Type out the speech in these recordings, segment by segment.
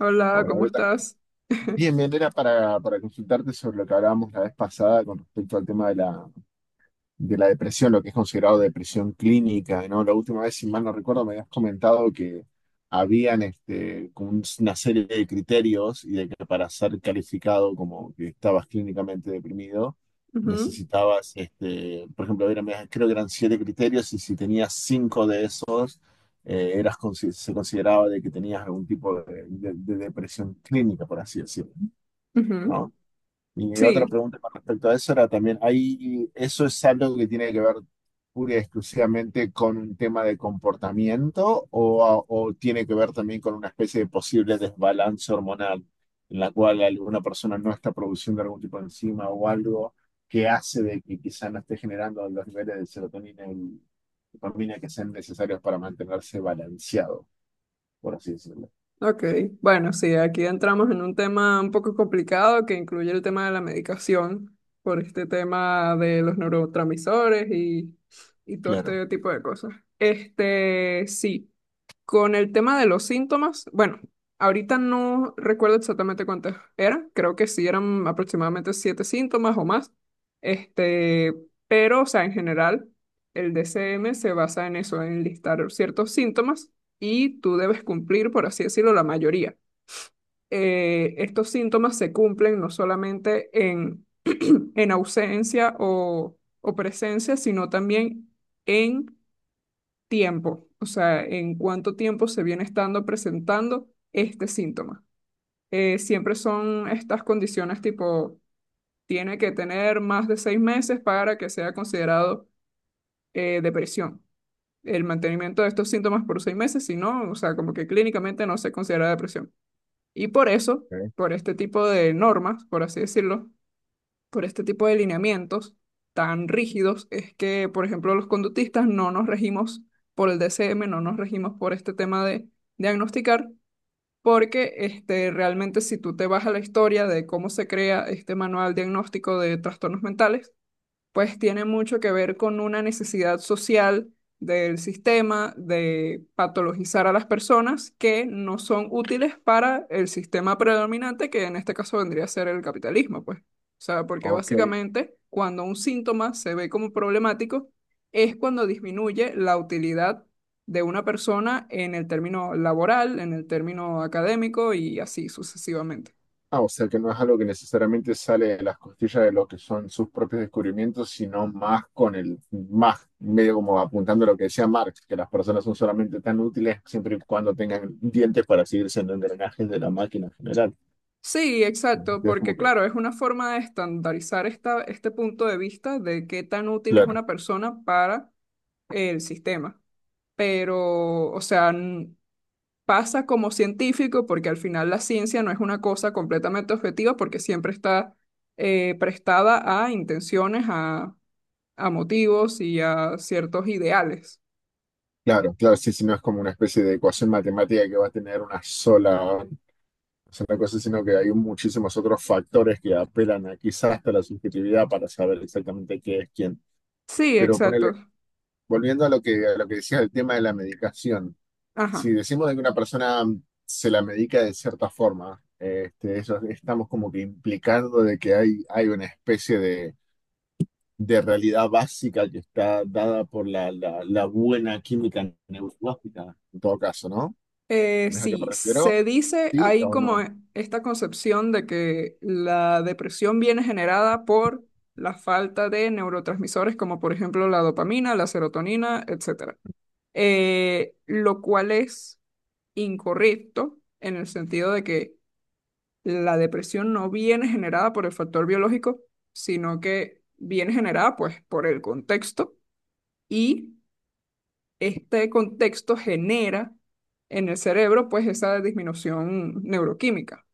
Hola, Ahora, ¿cómo Beta. estás? Bien, bien, era para consultarte sobre lo que hablábamos la vez pasada con respecto al tema de de la depresión, lo que es considerado depresión clínica, ¿no? La última vez, si mal no recuerdo, me habías comentado que habían como una serie de criterios y de que para ser calificado como que estabas clínicamente deprimido, Ujú, necesitabas, por ejemplo, creo que eran 7 criterios y si tenías 5 de esos, eras, se consideraba de que tenías algún tipo de, de depresión clínica, por así decirlo. ujú. ¿No? Y mi otra Sí, pregunta con respecto a eso era también, ¿hay, eso es algo que tiene que ver pura y exclusivamente con un tema de comportamiento o, o tiene que ver también con una especie de posible desbalance hormonal en la cual alguna persona no está produciendo algún tipo de enzima o algo que hace de que quizá no esté generando los niveles de serotonina y dopamina que sean necesarios para mantenerse balanceado, por así decirlo? ok. Bueno, sí, aquí entramos en un tema un poco complicado que incluye el tema de la medicación por este tema de los neurotransmisores y todo Claro. este tipo de cosas. Este, sí. Con el tema de los síntomas, bueno, ahorita no recuerdo exactamente cuántos eran, creo que sí eran aproximadamente siete síntomas o más, este, pero, o sea, en general, el DCM se basa en eso, en listar ciertos síntomas y tú debes cumplir, por así decirlo, la mayoría. Estos síntomas se cumplen no solamente en ausencia o presencia, sino también en tiempo, o sea, en cuánto tiempo se viene estando presentando este síntoma. Siempre son estas condiciones tipo, tiene que tener más de 6 meses para que sea considerado depresión. El mantenimiento de estos síntomas por 6 meses, si no, o sea, como que clínicamente no se considera depresión. Y por eso, Ok. por este tipo de normas, por así decirlo, por este tipo de lineamientos tan rígidos es que, por ejemplo, los conductistas no nos regimos por el DCM, no nos regimos por este tema de diagnosticar, porque realmente si tú te vas a la historia de cómo se crea este manual diagnóstico de trastornos mentales, pues tiene mucho que ver con una necesidad social del sistema de patologizar a las personas que no son útiles para el sistema predominante, que en este caso vendría a ser el capitalismo, pues. O sea, porque Ok. básicamente cuando un síntoma se ve como problemático es cuando disminuye la utilidad de una persona en el término laboral, en el término académico y así sucesivamente. Ah, o sea que no es algo que necesariamente sale de las costillas de lo que son sus propios descubrimientos, sino más con medio como apuntando a lo que decía Marx, que las personas son solamente tan útiles siempre y cuando tengan dientes para seguir siendo engranajes de la máquina en general. Sí, exacto, Es porque como que, claro, es una forma de estandarizar este punto de vista de qué tan útil es claro, una persona para el sistema. Pero, o sea, pasa como científico porque al final la ciencia no es una cosa completamente objetiva porque siempre está prestada a intenciones, a motivos y a ciertos ideales. claro, claro, sí, sí, no es como una especie de ecuación matemática que va a tener una sola cosa, sino que hay muchísimos otros factores que apelan a quizás hasta la subjetividad para saber exactamente qué es quién. Sí, Pero ponele. exacto. Volviendo a a lo que decías del tema de la medicación, si Ajá. decimos de que una persona se la medica de cierta forma, eso, estamos como que implicando de que hay una especie de realidad básica que está dada por la buena química neurológica, en todo caso, ¿no? Eh, ¿Tenés a qué me sí, refiero? se dice, ¿Sí hay o como no? Esta concepción de que la depresión viene generada por la falta de neurotransmisores como por ejemplo la dopamina, la serotonina, etcétera. Lo cual es incorrecto en el sentido de que la depresión no viene generada por el factor biológico, sino que viene generada pues por el contexto y este contexto genera en el cerebro pues esa disminución neuroquímica.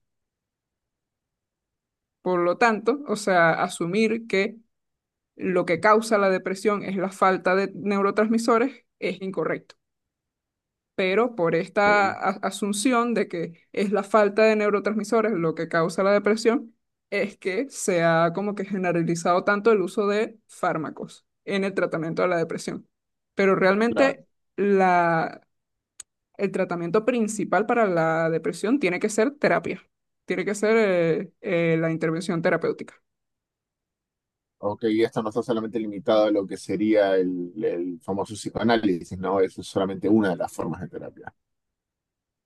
Por lo tanto, o sea, asumir que lo que causa la depresión es la falta de neurotransmisores es incorrecto. Pero por Ok, esta asunción de que es la falta de neurotransmisores lo que causa la depresión, es que se ha como que generalizado tanto el uso de fármacos en el tratamiento de la depresión. Pero realmente claro. la el tratamiento principal para la depresión tiene que ser terapia, tiene que ser la intervención terapéutica. Ok, y esto no está solamente limitado a lo que sería el famoso psicoanálisis, ¿no? Eso es solamente una de las formas de terapia.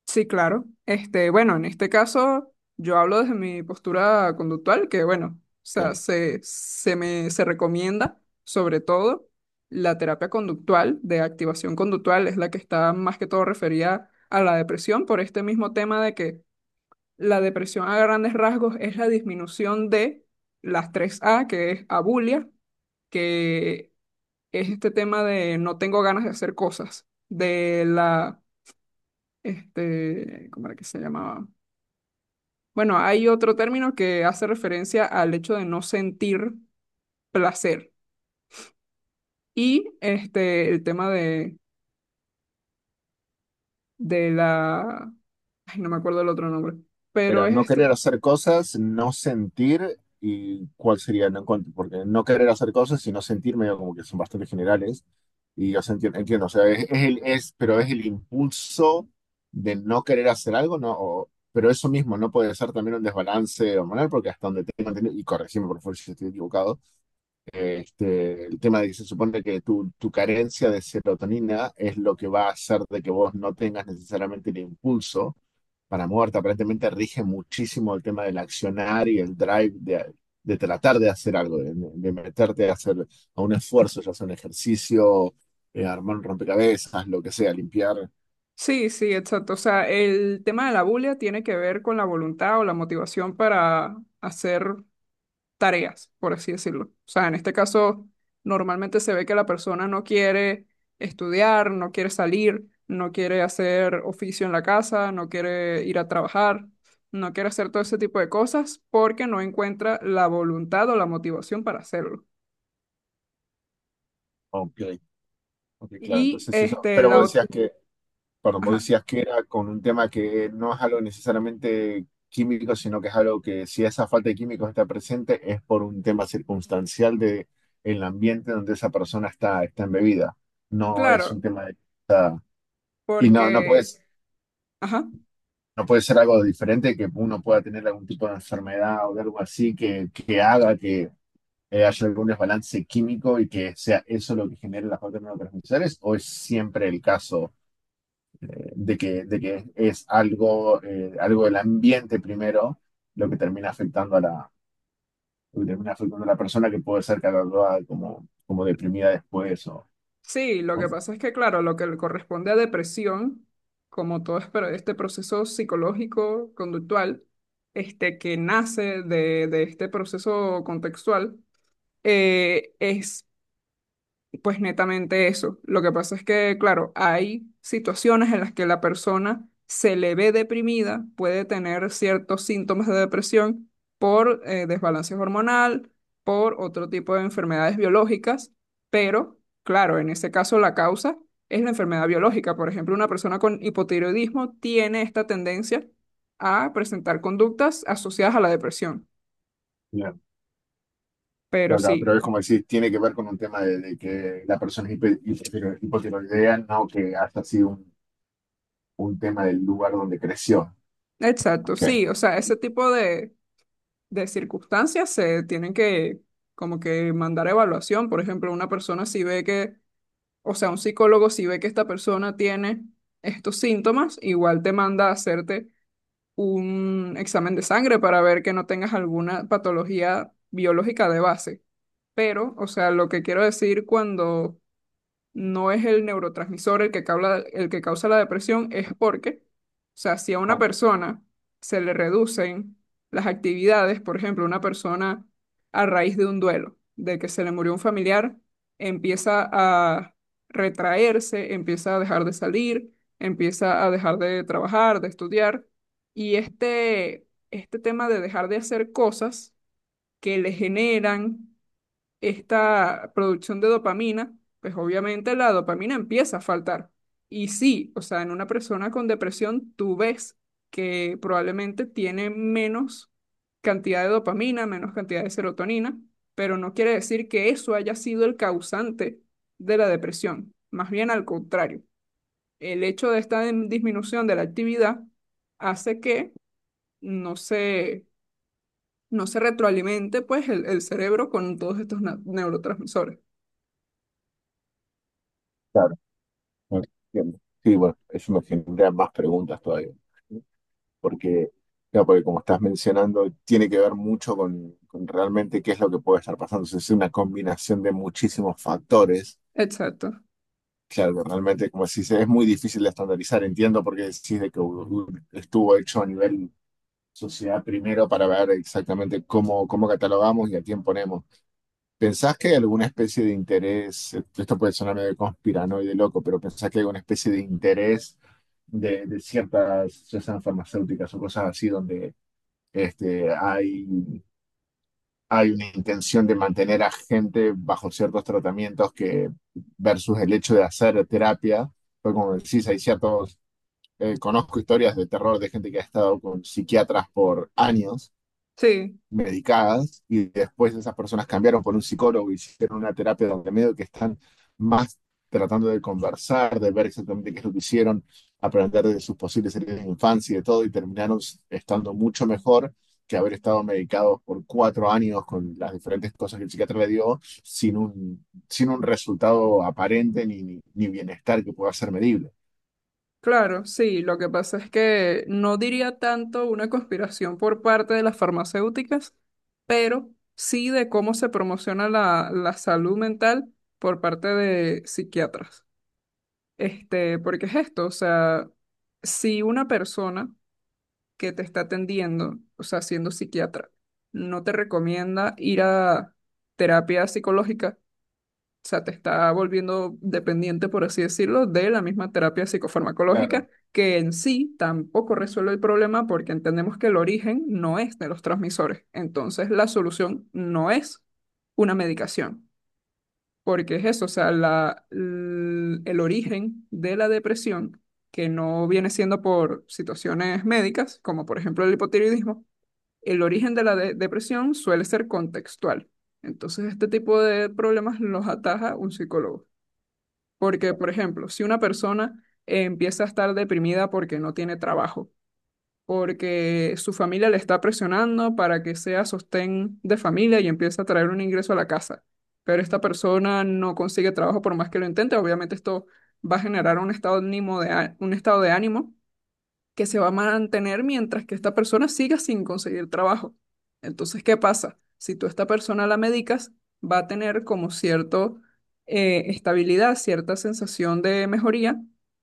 Sí, claro. Bueno, en este caso yo hablo desde mi postura conductual, que bueno, o sea, Claro. se me se recomienda sobre todo la terapia conductual, de activación conductual, es la que está más que todo referida a la depresión por este mismo tema de que la depresión a grandes rasgos es la disminución de las tres a que es abulia, que es este tema de no tengo ganas de hacer cosas, de la, ¿cómo era que se llamaba? Bueno, hay otro término que hace referencia al hecho de no sentir placer y el tema de la, ay, no me acuerdo el otro nombre, pero Era es no este, querer hacer cosas, no sentir y cuál sería, no encuentro, porque no querer hacer cosas y no sentir medio como que son bastante generales. Y yo se entiendo, o sea, pero es el impulso de no querer hacer algo, ¿no? Pero eso mismo no puede ser también un desbalance hormonal, porque hasta donde tengo entendido, y corregime por favor si estoy equivocado, el tema de que se supone que tu carencia de serotonina es lo que va a hacer de que vos no tengas necesariamente el impulso para muerte, aparentemente rige muchísimo el tema del accionar y el drive de tratar de hacer algo, meterte a hacer a un esfuerzo, ya sea un ejercicio, armar un rompecabezas, lo que sea, limpiar. sí, sí, exacto, o sea, el tema de la bulia tiene que ver con la voluntad o la motivación para hacer tareas, por así decirlo. O sea, en este caso, normalmente se ve que la persona no quiere estudiar, no quiere salir, no quiere hacer oficio en la casa, no quiere ir a trabajar, no quiere hacer todo ese tipo de cosas porque no encuentra la voluntad o la motivación para hacerlo. Ok, ok, claro, Y entonces eso. este, la... ot- Perdón, vos Ajá, decías que era con un tema que no es algo necesariamente químico, sino que es algo que si esa falta de químicos está presente es por un tema circunstancial de el ambiente donde esa persona está embebida. No es claro, un tema de... Y no, no porque. puedes Ajá. no puede ser algo diferente que uno pueda tener algún tipo de enfermedad o de algo así que haga que haya algún desbalance químico y que sea eso lo que genere las otras neurotransmisores, o es siempre el caso de que es algo, algo del ambiente primero lo que termina afectando a lo que termina afectando a la persona que puede ser catalogada como, como deprimida después Sí, lo o- que pasa es que, claro, lo que le corresponde a depresión, como todo pero este proceso psicológico conductual, este que nace de este proceso contextual, es pues netamente eso. Lo que pasa es que, claro, hay situaciones en las que la persona se le ve deprimida, puede tener ciertos síntomas de depresión por desbalance hormonal, por otro tipo de enfermedades biológicas, pero, claro, en ese caso la causa es la enfermedad biológica. Por ejemplo, una persona con hipotiroidismo tiene esta tendencia a presentar conductas asociadas a la depresión. bien, Pero claro, claro, pero sí, es como decir, tiene que ver con un tema de que la persona es hipotiroidea, no que haya sido un tema del lugar donde creció. exacto, Ok, sí, o sea, ese tipo de circunstancias se tienen que como que mandar a evaluación. Por ejemplo, una persona si ve que, o sea, un psicólogo si ve que esta persona tiene estos síntomas, igual te manda a hacerte un examen de sangre para ver que no tengas alguna patología biológica de base. Pero, o sea, lo que quiero decir cuando no es el neurotransmisor el que causa la depresión, es porque, o sea, si a una persona se le reducen las actividades, por ejemplo, una persona a raíz de un duelo, de que se le murió un familiar, empieza a retraerse, empieza a dejar de salir, empieza a dejar de trabajar, de estudiar, y este tema de dejar de hacer cosas que le generan esta producción de dopamina, pues obviamente la dopamina empieza a faltar. Y sí, o sea, en una persona con depresión tú ves que probablemente tiene menos cantidad de dopamina, menos cantidad de serotonina, pero no quiere decir que eso haya sido el causante de la depresión. Más bien al contrario, el hecho de esta disminución de la actividad hace que no se, no se retroalimente pues el cerebro con todos estos neurotransmisores. claro. Entiendo. Sí, bueno, eso me genera más preguntas todavía. Porque, claro, porque como estás mencionando, tiene que ver mucho con realmente qué es lo que puede estar pasando. O sea, es una combinación de muchísimos factores. Exacto. Claro, que realmente, como si es muy difícil de estandarizar. Entiendo por qué decís de que estuvo hecho a nivel sociedad primero para ver exactamente cómo, cómo catalogamos y a quién ponemos. ¿Pensás que hay alguna especie de interés, esto puede sonar medio conspiranoide loco, pero pensás que hay alguna especie de interés de ciertas, ya sean farmacéuticas o cosas así, donde este, hay, hay una intención de mantener a gente bajo ciertos tratamientos que versus el hecho de hacer terapia? Pues como decís, hay ciertos, conozco historias de terror de gente que ha estado con psiquiatras por años Sí, medicadas y después esas personas cambiaron por un psicólogo, hicieron una terapia donde medio que están más tratando de conversar, de ver exactamente qué es lo que hicieron, aprender de sus posibles heridas de infancia y de todo, y terminaron estando mucho mejor que haber estado medicados por 4 años con las diferentes cosas que el psiquiatra le dio sin sin un resultado aparente ni bienestar que pueda ser medible. claro, sí. Lo que pasa es que no diría tanto una conspiración por parte de las farmacéuticas, pero sí de cómo se promociona la salud mental por parte de psiquiatras. Porque es esto, o sea, si una persona que te está atendiendo, o sea, siendo psiquiatra, no te recomienda ir a terapia psicológica, o sea, te está volviendo dependiente, por así decirlo, de la misma terapia psicofarmacológica, Claro. que en sí tampoco resuelve el problema porque entendemos que el origen no es de los transmisores. Entonces, la solución no es una medicación, porque es eso, o sea, el origen de la depresión, que no viene siendo por situaciones médicas, como por ejemplo el hipotiroidismo, el origen de la depresión suele ser contextual. Entonces, este tipo de problemas los ataja un psicólogo. Porque, por ejemplo, si una persona empieza a estar deprimida porque no tiene trabajo, porque su familia le está presionando para que sea sostén de familia y empieza a traer un ingreso a la casa, pero esta persona no consigue trabajo por más que lo intente, obviamente esto va a generar un estado de ánimo un estado de ánimo que se va a mantener mientras que esta persona siga sin conseguir trabajo. Entonces, ¿qué pasa? Si tú a esta persona la medicas, va a tener como cierta estabilidad, cierta sensación de mejoría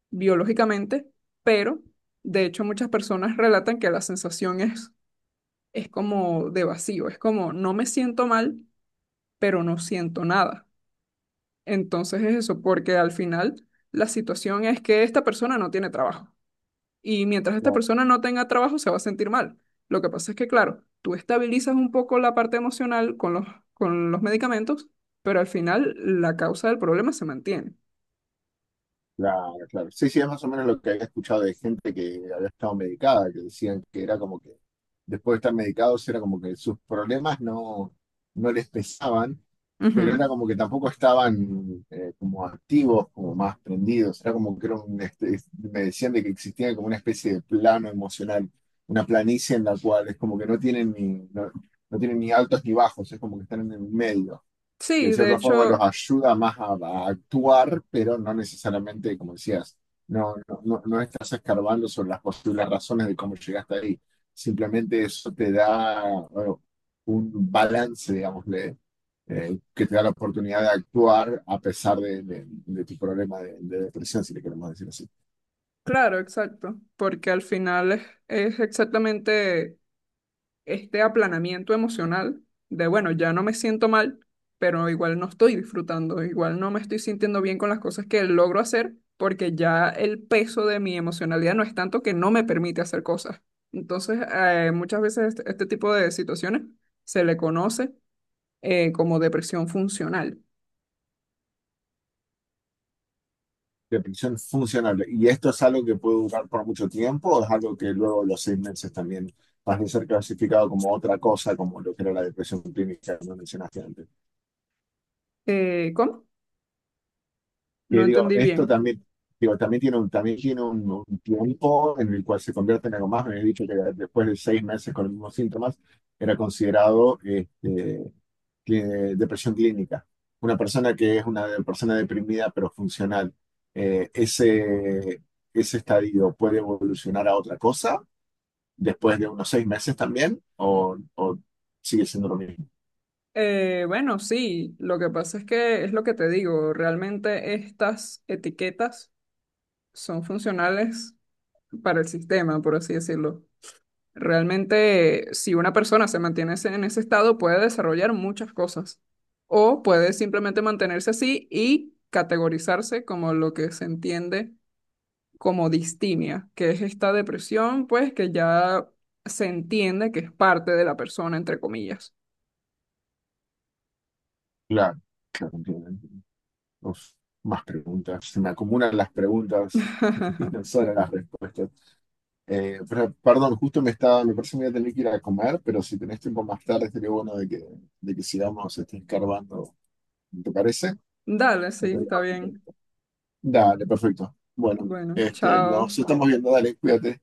biológicamente, pero de hecho muchas personas relatan que la sensación es como de vacío, es como no me siento mal, pero no siento nada. Entonces es eso, porque al final la situación es que esta persona no tiene trabajo. Y mientras esta Claro. persona no tenga trabajo, se va a sentir mal. Lo que pasa es que, claro, tú estabilizas un poco la parte emocional con los, medicamentos, pero al final la causa del problema se mantiene. Claro, claro. Sí, sí, es más o menos lo que había escuchado de gente que había estado medicada, que decían que era como que después de estar medicados era como que sus problemas no, no les pesaban, pero Ujú. era como que tampoco estaban como activos, como más prendidos, era como que era un, me decían de que existía como una especie de plano emocional, una planicie en la cual es como que no tienen ni, no, no tienen ni altos ni bajos, es como que están en el medio que de Sí, de cierta forma los hecho, ayuda más a actuar, pero no necesariamente, como decías, no estás escarbando sobre las posibles razones de cómo llegaste ahí. Simplemente eso te da, bueno, un balance, digámosle que te da la oportunidad de actuar a pesar de, de tu problema de depresión, si le queremos decir así. claro, exacto, porque al final es exactamente este aplanamiento emocional de, bueno, ya no me siento mal, pero igual no estoy disfrutando, igual no me estoy sintiendo bien con las cosas que logro hacer, porque ya el peso de mi emocionalidad no es tanto que no me permite hacer cosas. Entonces, muchas veces este tipo de situaciones se le conoce como depresión funcional. Depresión funcional. ¿Y esto es algo que puede durar por mucho tiempo o es algo que luego los 6 meses también pasa a ser clasificado como otra cosa, como lo que era la depresión clínica que no mencionaste antes? ¿Cómo? No Que digo, entendí esto bien. también, digo, también tiene un, también tiene un tiempo en el cual se convierte en algo más. Me habías dicho que después de 6 meses con los mismos síntomas era considerado cli- depresión clínica. Una persona que es una persona deprimida pero funcional. Eh, ese, ese estadio puede evolucionar a otra cosa después de unos 6 meses también o sigue siendo lo mismo. Bueno, sí, lo que pasa es que es lo que te digo, realmente estas etiquetas son funcionales para el sistema, por así decirlo. Realmente, si una persona se mantiene en ese estado, puede desarrollar muchas cosas o puede simplemente mantenerse así y categorizarse como lo que se entiende como distimia, que es esta depresión, pues que ya se entiende que es parte de la persona, entre comillas. Claro, claro, entiendo. Uf, más preguntas. Se me acumulan las preguntas y no solo las respuestas. Pero, perdón, justo me estaba, me parece que voy a tener que ir a comer, pero si tenés tiempo más tarde, sería bueno de de que sigamos escarbando. ¿Te parece? Dale, sí, está bien. Dale, perfecto. Bueno, Bueno, chao. nos estamos viendo, dale, cuídate.